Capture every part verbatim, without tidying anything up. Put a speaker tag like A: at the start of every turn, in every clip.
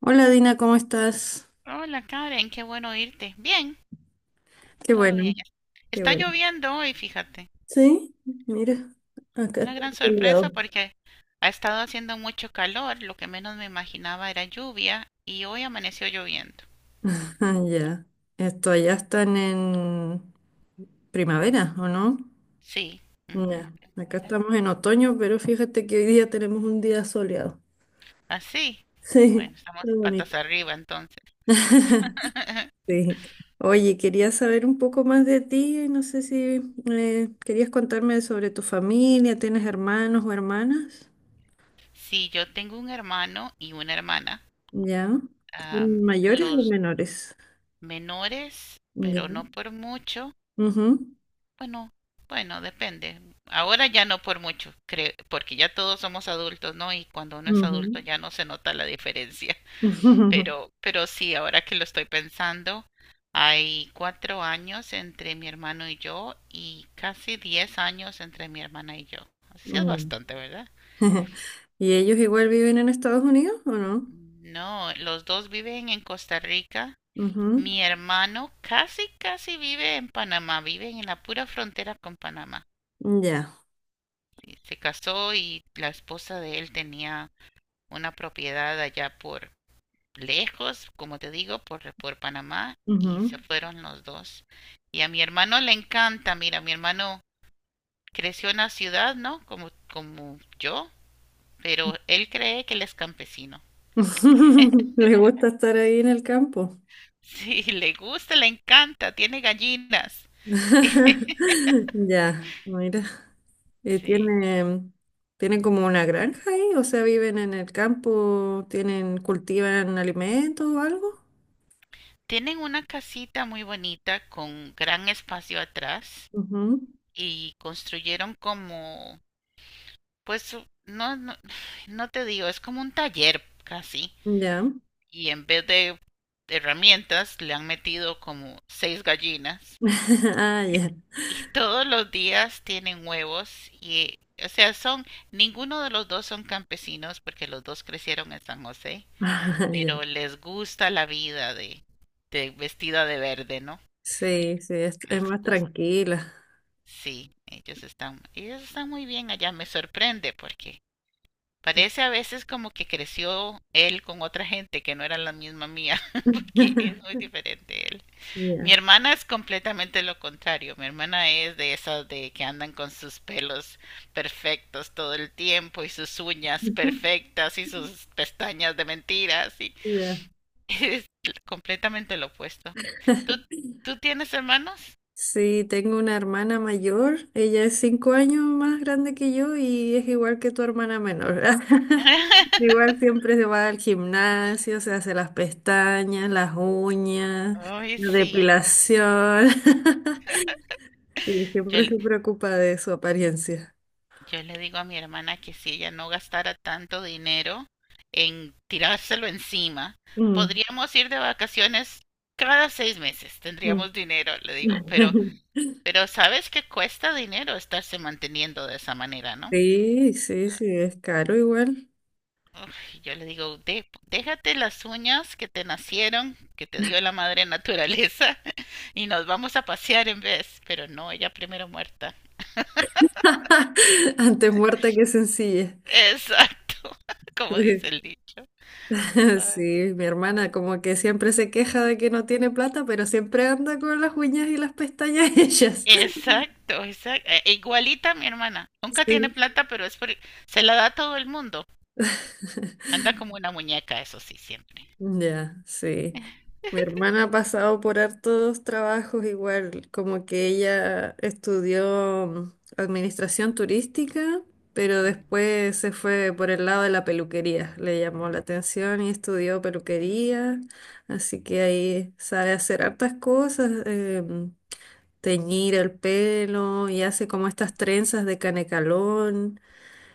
A: Hola Dina, ¿cómo estás?
B: Hola Karen, qué bueno oírte. Bien,
A: Qué
B: todo
A: bueno,
B: bien.
A: qué
B: Está
A: bueno.
B: lloviendo hoy, fíjate.
A: Sí, mira, acá
B: Una
A: está
B: gran sorpresa
A: soleado.
B: porque ha estado haciendo mucho calor, lo que menos me imaginaba era lluvia y hoy amaneció lloviendo.
A: Ah, ya. Esto allá están en primavera, ¿o no?
B: Sí. Ujú.
A: Ya. Acá estamos en otoño, pero fíjate que hoy día tenemos un día soleado.
B: Así.
A: Sí,
B: Bueno, estamos
A: está
B: patas
A: bonito.
B: arriba entonces.
A: Sí. Oye, quería saber un poco más de ti. No sé si eh, querías contarme sobre tu familia. ¿Tienes hermanos o hermanas?
B: Sí, yo tengo un hermano y una hermana.
A: Ya. ¿Son
B: am,
A: mayores o
B: los
A: menores?
B: menores, pero no por mucho.
A: Ujú,
B: Bueno, bueno, depende. Ahora ya no por mucho, creo, porque ya todos somos adultos, ¿no? Y cuando uno es
A: ujú.
B: adulto ya no se nota la diferencia. Pero, pero sí, ahora que lo estoy pensando, hay cuatro años entre mi hermano y yo y casi diez años entre mi hermana y yo. Así es
A: Mm.
B: bastante, ¿verdad?
A: ¿Y ellos igual viven en Estados Unidos o no?
B: No, los dos viven en Costa Rica.
A: Ujú,
B: Mi hermano casi, casi vive en Panamá, viven en la pura frontera con Panamá.
A: ya.
B: Eh, se casó y la esposa de él tenía una propiedad allá por lejos, como te digo, por, por Panamá y se
A: Ujú.
B: fueron los dos. Y a mi hermano le encanta, mira, mi hermano creció en la ciudad, ¿no? Como, como yo, pero él cree que él es campesino.
A: Les gusta estar ahí en el campo.
B: Sí, le gusta, le encanta, tiene gallinas.
A: Ya, mira. Y
B: Sí.
A: tiene, Tienen como una granja ahí, o sea, viven en el campo, tienen, cultivan alimentos o algo.
B: Tienen una casita muy bonita con gran espacio atrás
A: Ujú,
B: y construyeron como, pues no, no, no te digo, es como un taller casi.
A: ya.
B: Y en vez de herramientas le han metido como seis gallinas.
A: Ah, ya.
B: Y todos los días tienen huevos y, o sea, son, ninguno de los dos son campesinos porque los dos crecieron en San José, pero
A: Ya.
B: les gusta la vida de, de vestida de verde, ¿no?
A: Sí, sí, es, es
B: Les
A: más
B: gusta.
A: tranquila.
B: Sí, ellos están, ellos están muy bien allá. Me sorprende porque parece a veces como que creció él con otra gente que no era la misma mía, porque es muy diferente él. Mi
A: Ya,
B: hermana es completamente lo contrario. Mi hermana es de esas de que andan con sus pelos perfectos todo el tiempo y sus uñas perfectas y sus pestañas de mentiras y
A: ya.
B: es completamente lo opuesto. ¿Tú, tú tienes hermanos?
A: Sí, tengo una hermana mayor, ella es cinco años más grande que yo y es igual que tu hermana menor. Igual siempre se va al gimnasio, se hace las pestañas, las uñas,
B: Ay,
A: la
B: sí.
A: depilación. Sí,
B: Yo,
A: siempre se preocupa de su apariencia.
B: Yo le digo a mi hermana que si ella no gastara tanto dinero en tirárselo encima,
A: Mm,
B: podríamos ir de vacaciones cada seis meses,
A: mm.
B: tendríamos dinero, le digo, pero, pero sabes que cuesta dinero estarse manteniendo de esa manera, ¿no?
A: Sí, sí, sí, es caro igual.
B: Uf, yo le digo, "De- déjate las uñas que te nacieron, que te dio la madre naturaleza, y nos vamos a pasear en vez, pero no, ella primero muerta.
A: Antes muerta que sencilla.
B: Exacto, como dice el dicho.
A: Sí, mi hermana como que siempre se queja de que no tiene plata, pero siempre anda con las uñas y las pestañas hechas.
B: Exacto, exacto. E, e Igualita a mi hermana. Nunca tiene
A: Sí.
B: plata, pero es por. Se la da a todo el mundo. Anda como una muñeca, eso sí, siempre.
A: Ya, sí. Mi hermana ha pasado por hartos trabajos igual, como que ella estudió mm, administración turística, pero
B: Ujú.
A: después se fue por el lado de la peluquería, le llamó la atención y estudió peluquería, así que ahí sabe hacer hartas cosas. Eh, teñir el pelo y hace como estas trenzas de canecalón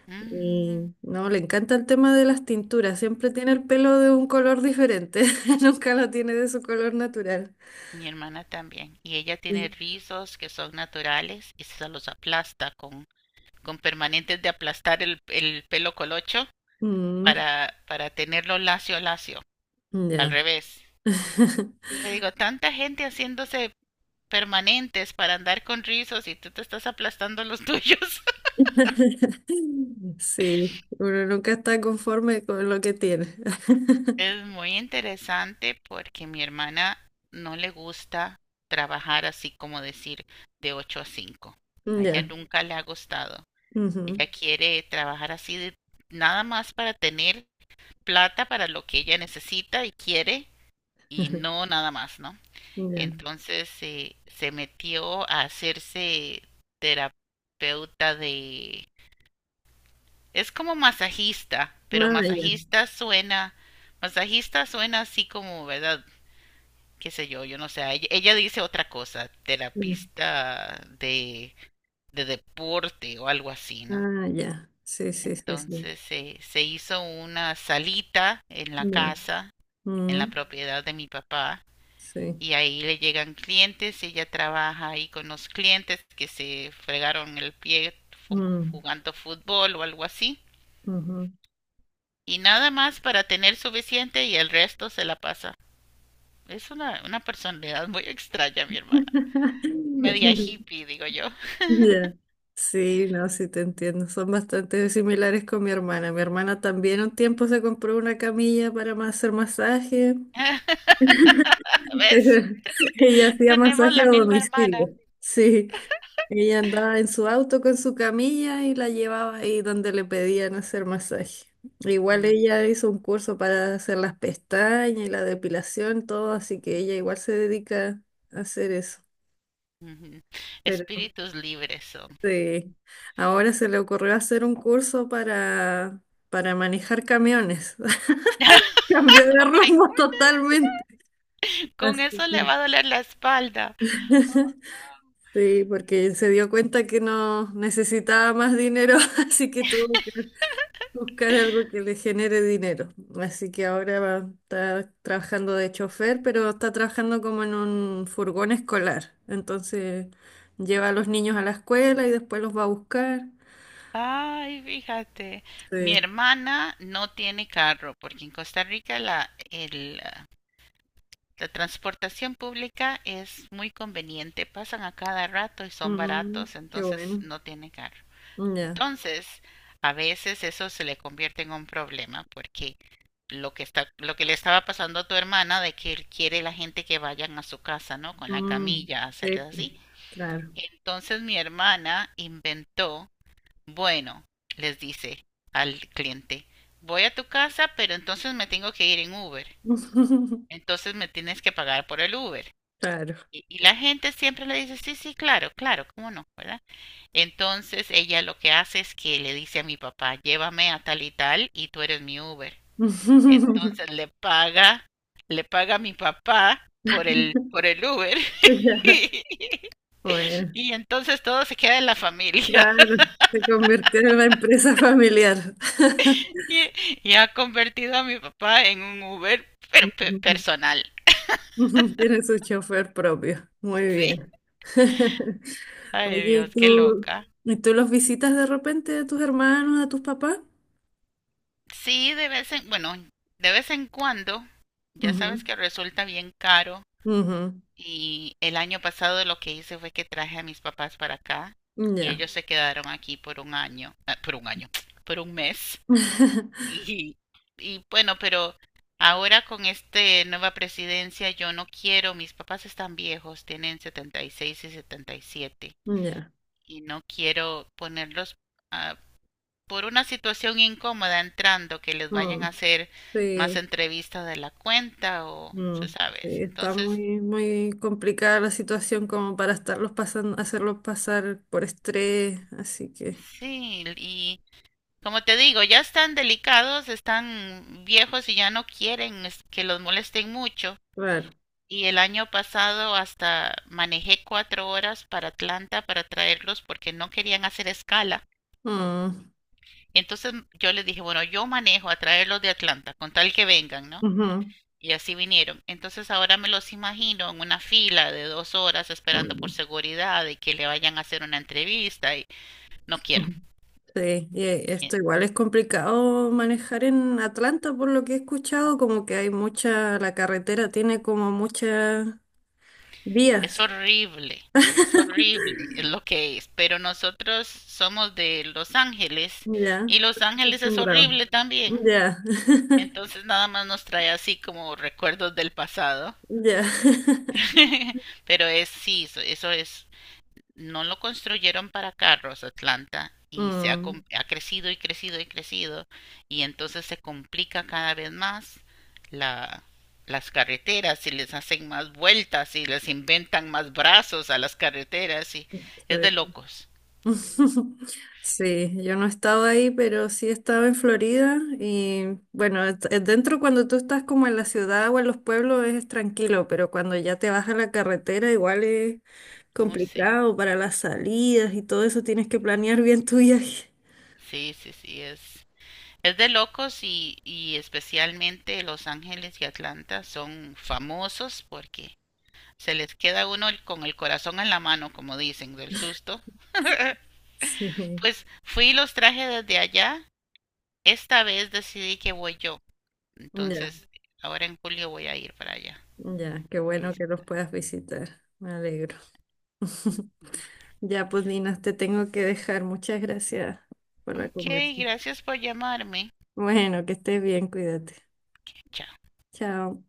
B: Mm,
A: y no, le encanta el tema de las tinturas, siempre tiene el pelo de un color diferente, nunca lo tiene de su color natural.
B: mi hermana también. Y ella tiene
A: Sí.
B: rizos que son naturales y se los aplasta con, con permanentes de aplastar el, el pelo colocho
A: Mm,
B: para, para tenerlo lacio, lacio. Al
A: ya.
B: revés. Y le digo, tanta gente haciéndose permanentes para andar con rizos y tú te estás aplastando los tuyos.
A: Sí, uno nunca está conforme con lo que tiene.
B: Es muy interesante porque mi hermana no le gusta trabajar así como decir de ocho a cinco. A ella
A: Ya,
B: nunca le ha gustado.
A: ujú,
B: Ella quiere trabajar así de, nada más para tener plata para lo que ella necesita y quiere y no nada más, ¿no?
A: ya.
B: Entonces eh, se metió a hacerse terapeuta de. Es como masajista, pero
A: Ah, ya.
B: masajista suena, masajista suena, así como, ¿verdad? Qué sé yo, yo no sé, ella, ella dice otra cosa,
A: Mm,
B: terapista de, de deporte o algo así, ¿no?
A: ah, ya. Sí, sí, sí, sí.
B: Entonces eh, se hizo una salita en la
A: Ya.
B: casa, en la
A: Mm,
B: propiedad de mi papá,
A: sí.
B: y ahí le llegan clientes, ella trabaja ahí con los clientes que se fregaron el pie
A: Mm.
B: jugando fútbol o algo así,
A: Ujú.
B: y nada más para tener suficiente y el resto se la pasa. Es una, una personalidad muy extraña, mi hermana. Media hippie, digo yo.
A: Ya. Sí, no, sí te entiendo. Son bastante similares con mi hermana. Mi hermana también un tiempo se compró una camilla para ma- hacer masaje, pero
B: ¿Ves?
A: ella hacía
B: Tenemos
A: masaje
B: la
A: a
B: misma hermana.
A: domicilio. Sí, ella andaba en su auto con su camilla y la llevaba ahí donde le pedían hacer masaje. Igual
B: Mm,
A: ella hizo un curso para hacer las pestañas y la depilación, todo, así que ella igual se dedica a hacer eso.
B: ujú. Espíritus libres son.
A: Sí, ahora se le ocurrió hacer un curso para, para, manejar camiones. Cambió de
B: Oh my
A: rumbo
B: goodness.
A: totalmente.
B: Con
A: Así
B: eso le
A: que-
B: va a doler la espalda. Oh, no.
A: Sí, porque se dio cuenta que no necesitaba más dinero, así que tuvo que buscar algo que le genere dinero. Así que ahora va- está trabajando de chofer, pero está trabajando como en un furgón escolar. Entonces lleva a los niños a la escuela y después los va a buscar.
B: Ay, fíjate. Mi
A: Sí.
B: hermana no tiene carro porque en Costa Rica la, el, ah, la transportación pública es muy conveniente. Pasan a cada rato y son
A: Mm,
B: baratos,
A: qué
B: entonces
A: bueno.
B: no tiene carro.
A: Ya.
B: Entonces, a veces eso se le convierte en un problema porque lo que está, lo que le estaba pasando a tu hermana de que él quiere la gente que vayan a su casa, ¿no? Con la
A: Mm,
B: camilla,
A: sí,
B: hacerles
A: pues,
B: así.
A: claro.
B: Entonces mi hermana inventó, bueno, les dice al cliente, voy a tu casa, pero entonces me tengo que ir en Uber. Entonces me tienes que pagar por el Uber.
A: Claro.
B: Y, y la gente siempre le dice, sí, sí, claro, claro, ¿cómo no? ¿Verdad? Entonces ella lo que hace es que le dice a mi papá, llévame a tal y tal y tú eres mi Uber. Entonces le paga, le paga a mi papá por el, por el Uber
A: Ya. Bueno,
B: y entonces todo se queda en la familia
A: claro. Se convirtió en una empresa familiar.
B: y, y ha convertido a mi papá en un Uber pero pe- personal.
A: Tiene su chofer propio. Muy
B: Sí.
A: bien.
B: Ay
A: Oye, ¿y
B: Dios, qué
A: tú,
B: loca.
A: y tú los visitas de repente a tus hermanos, a tus papás?
B: Sí, de vez en, bueno, de vez en cuando, ya sabes que resulta bien caro.
A: Ujú, ujú,
B: Y el año pasado lo que hice fue que traje a mis papás para acá y
A: ya.
B: ellos se quedaron aquí por un año, ah, por un año, por un mes. Y, y bueno, pero ahora con esta nueva presidencia yo no quiero, mis papás están viejos, tienen setenta y seis y setenta y siete y setenta y siete
A: Ya.
B: y no quiero ponerlos ah, por una situación incómoda entrando que les vayan a
A: Mm,
B: hacer más
A: sí.
B: entrevistas de la cuenta o, tú
A: Mm, sí,
B: sabes.
A: está
B: Entonces,
A: muy, muy complicada la situación como para estarlos pasando, hacerlos pasar por estrés, así que,
B: sí, y como te digo, ya están delicados, están viejos y ya no quieren es- que los molesten mucho.
A: claro.
B: Y el año pasado hasta manejé cuatro horas para Atlanta para traerlos porque no querían hacer escala.
A: Mm,
B: Entonces yo les dije, bueno, yo manejo a traerlos de Atlanta, con tal que vengan, ¿no?
A: ujú,
B: Y así vinieron. Entonces ahora me los imagino en una fila de dos horas esperando por
A: mm,
B: seguridad y que le vayan a hacer una entrevista y no quiero.
A: ujú. Sí, y e- esto igual es complicado manejar en Atlanta, por lo que he escuchado, como que hay mucha, la carretera tiene como muchas
B: Es
A: vías.
B: horrible, es horrible, es lo que es. Pero nosotros somos de Los Ángeles
A: Ya,
B: y Los Ángeles es
A: acostumbrado.
B: horrible también.
A: Ya,
B: Entonces nada más nos trae así como recuerdos del pasado.
A: ya.
B: Pero es sí, eso, eso es. No lo construyeron para carros Atlanta y se ha, com-
A: Mm,
B: ha crecido y crecido y crecido y entonces se complica cada vez más la, las carreteras y les hacen más vueltas y les inventan más brazos a las carreteras y es de
A: sí.
B: locos.
A: Sí, yo no he estado ahí, pero sí he estado en Florida y bueno, es- es dentro cuando tú estás como en la ciudad o en los pueblos es tranquilo, pero cuando ya te vas a la carretera igual es
B: Oh, sí,
A: complicado para las salidas y todo eso, tienes que planear bien tu viaje.
B: sí, sí, sí, es, es de locos y, y especialmente Los Ángeles y Atlanta son famosos porque se les queda uno el- con el corazón en la mano, como dicen, del susto.
A: Sí.
B: Pues fui y los traje desde allá. Esta vez decidí que voy yo.
A: Ya,
B: Entonces, ahora en julio voy a ir para allá.
A: ya, qué bueno que los puedas visitar, me alegro. Ya, pues Dinas, te tengo que dejar. Muchas gracias por la
B: Ok,
A: conversación.
B: gracias por llamarme.
A: Bueno, que estés bien, cuídate.
B: Ok, chao.
A: Chao.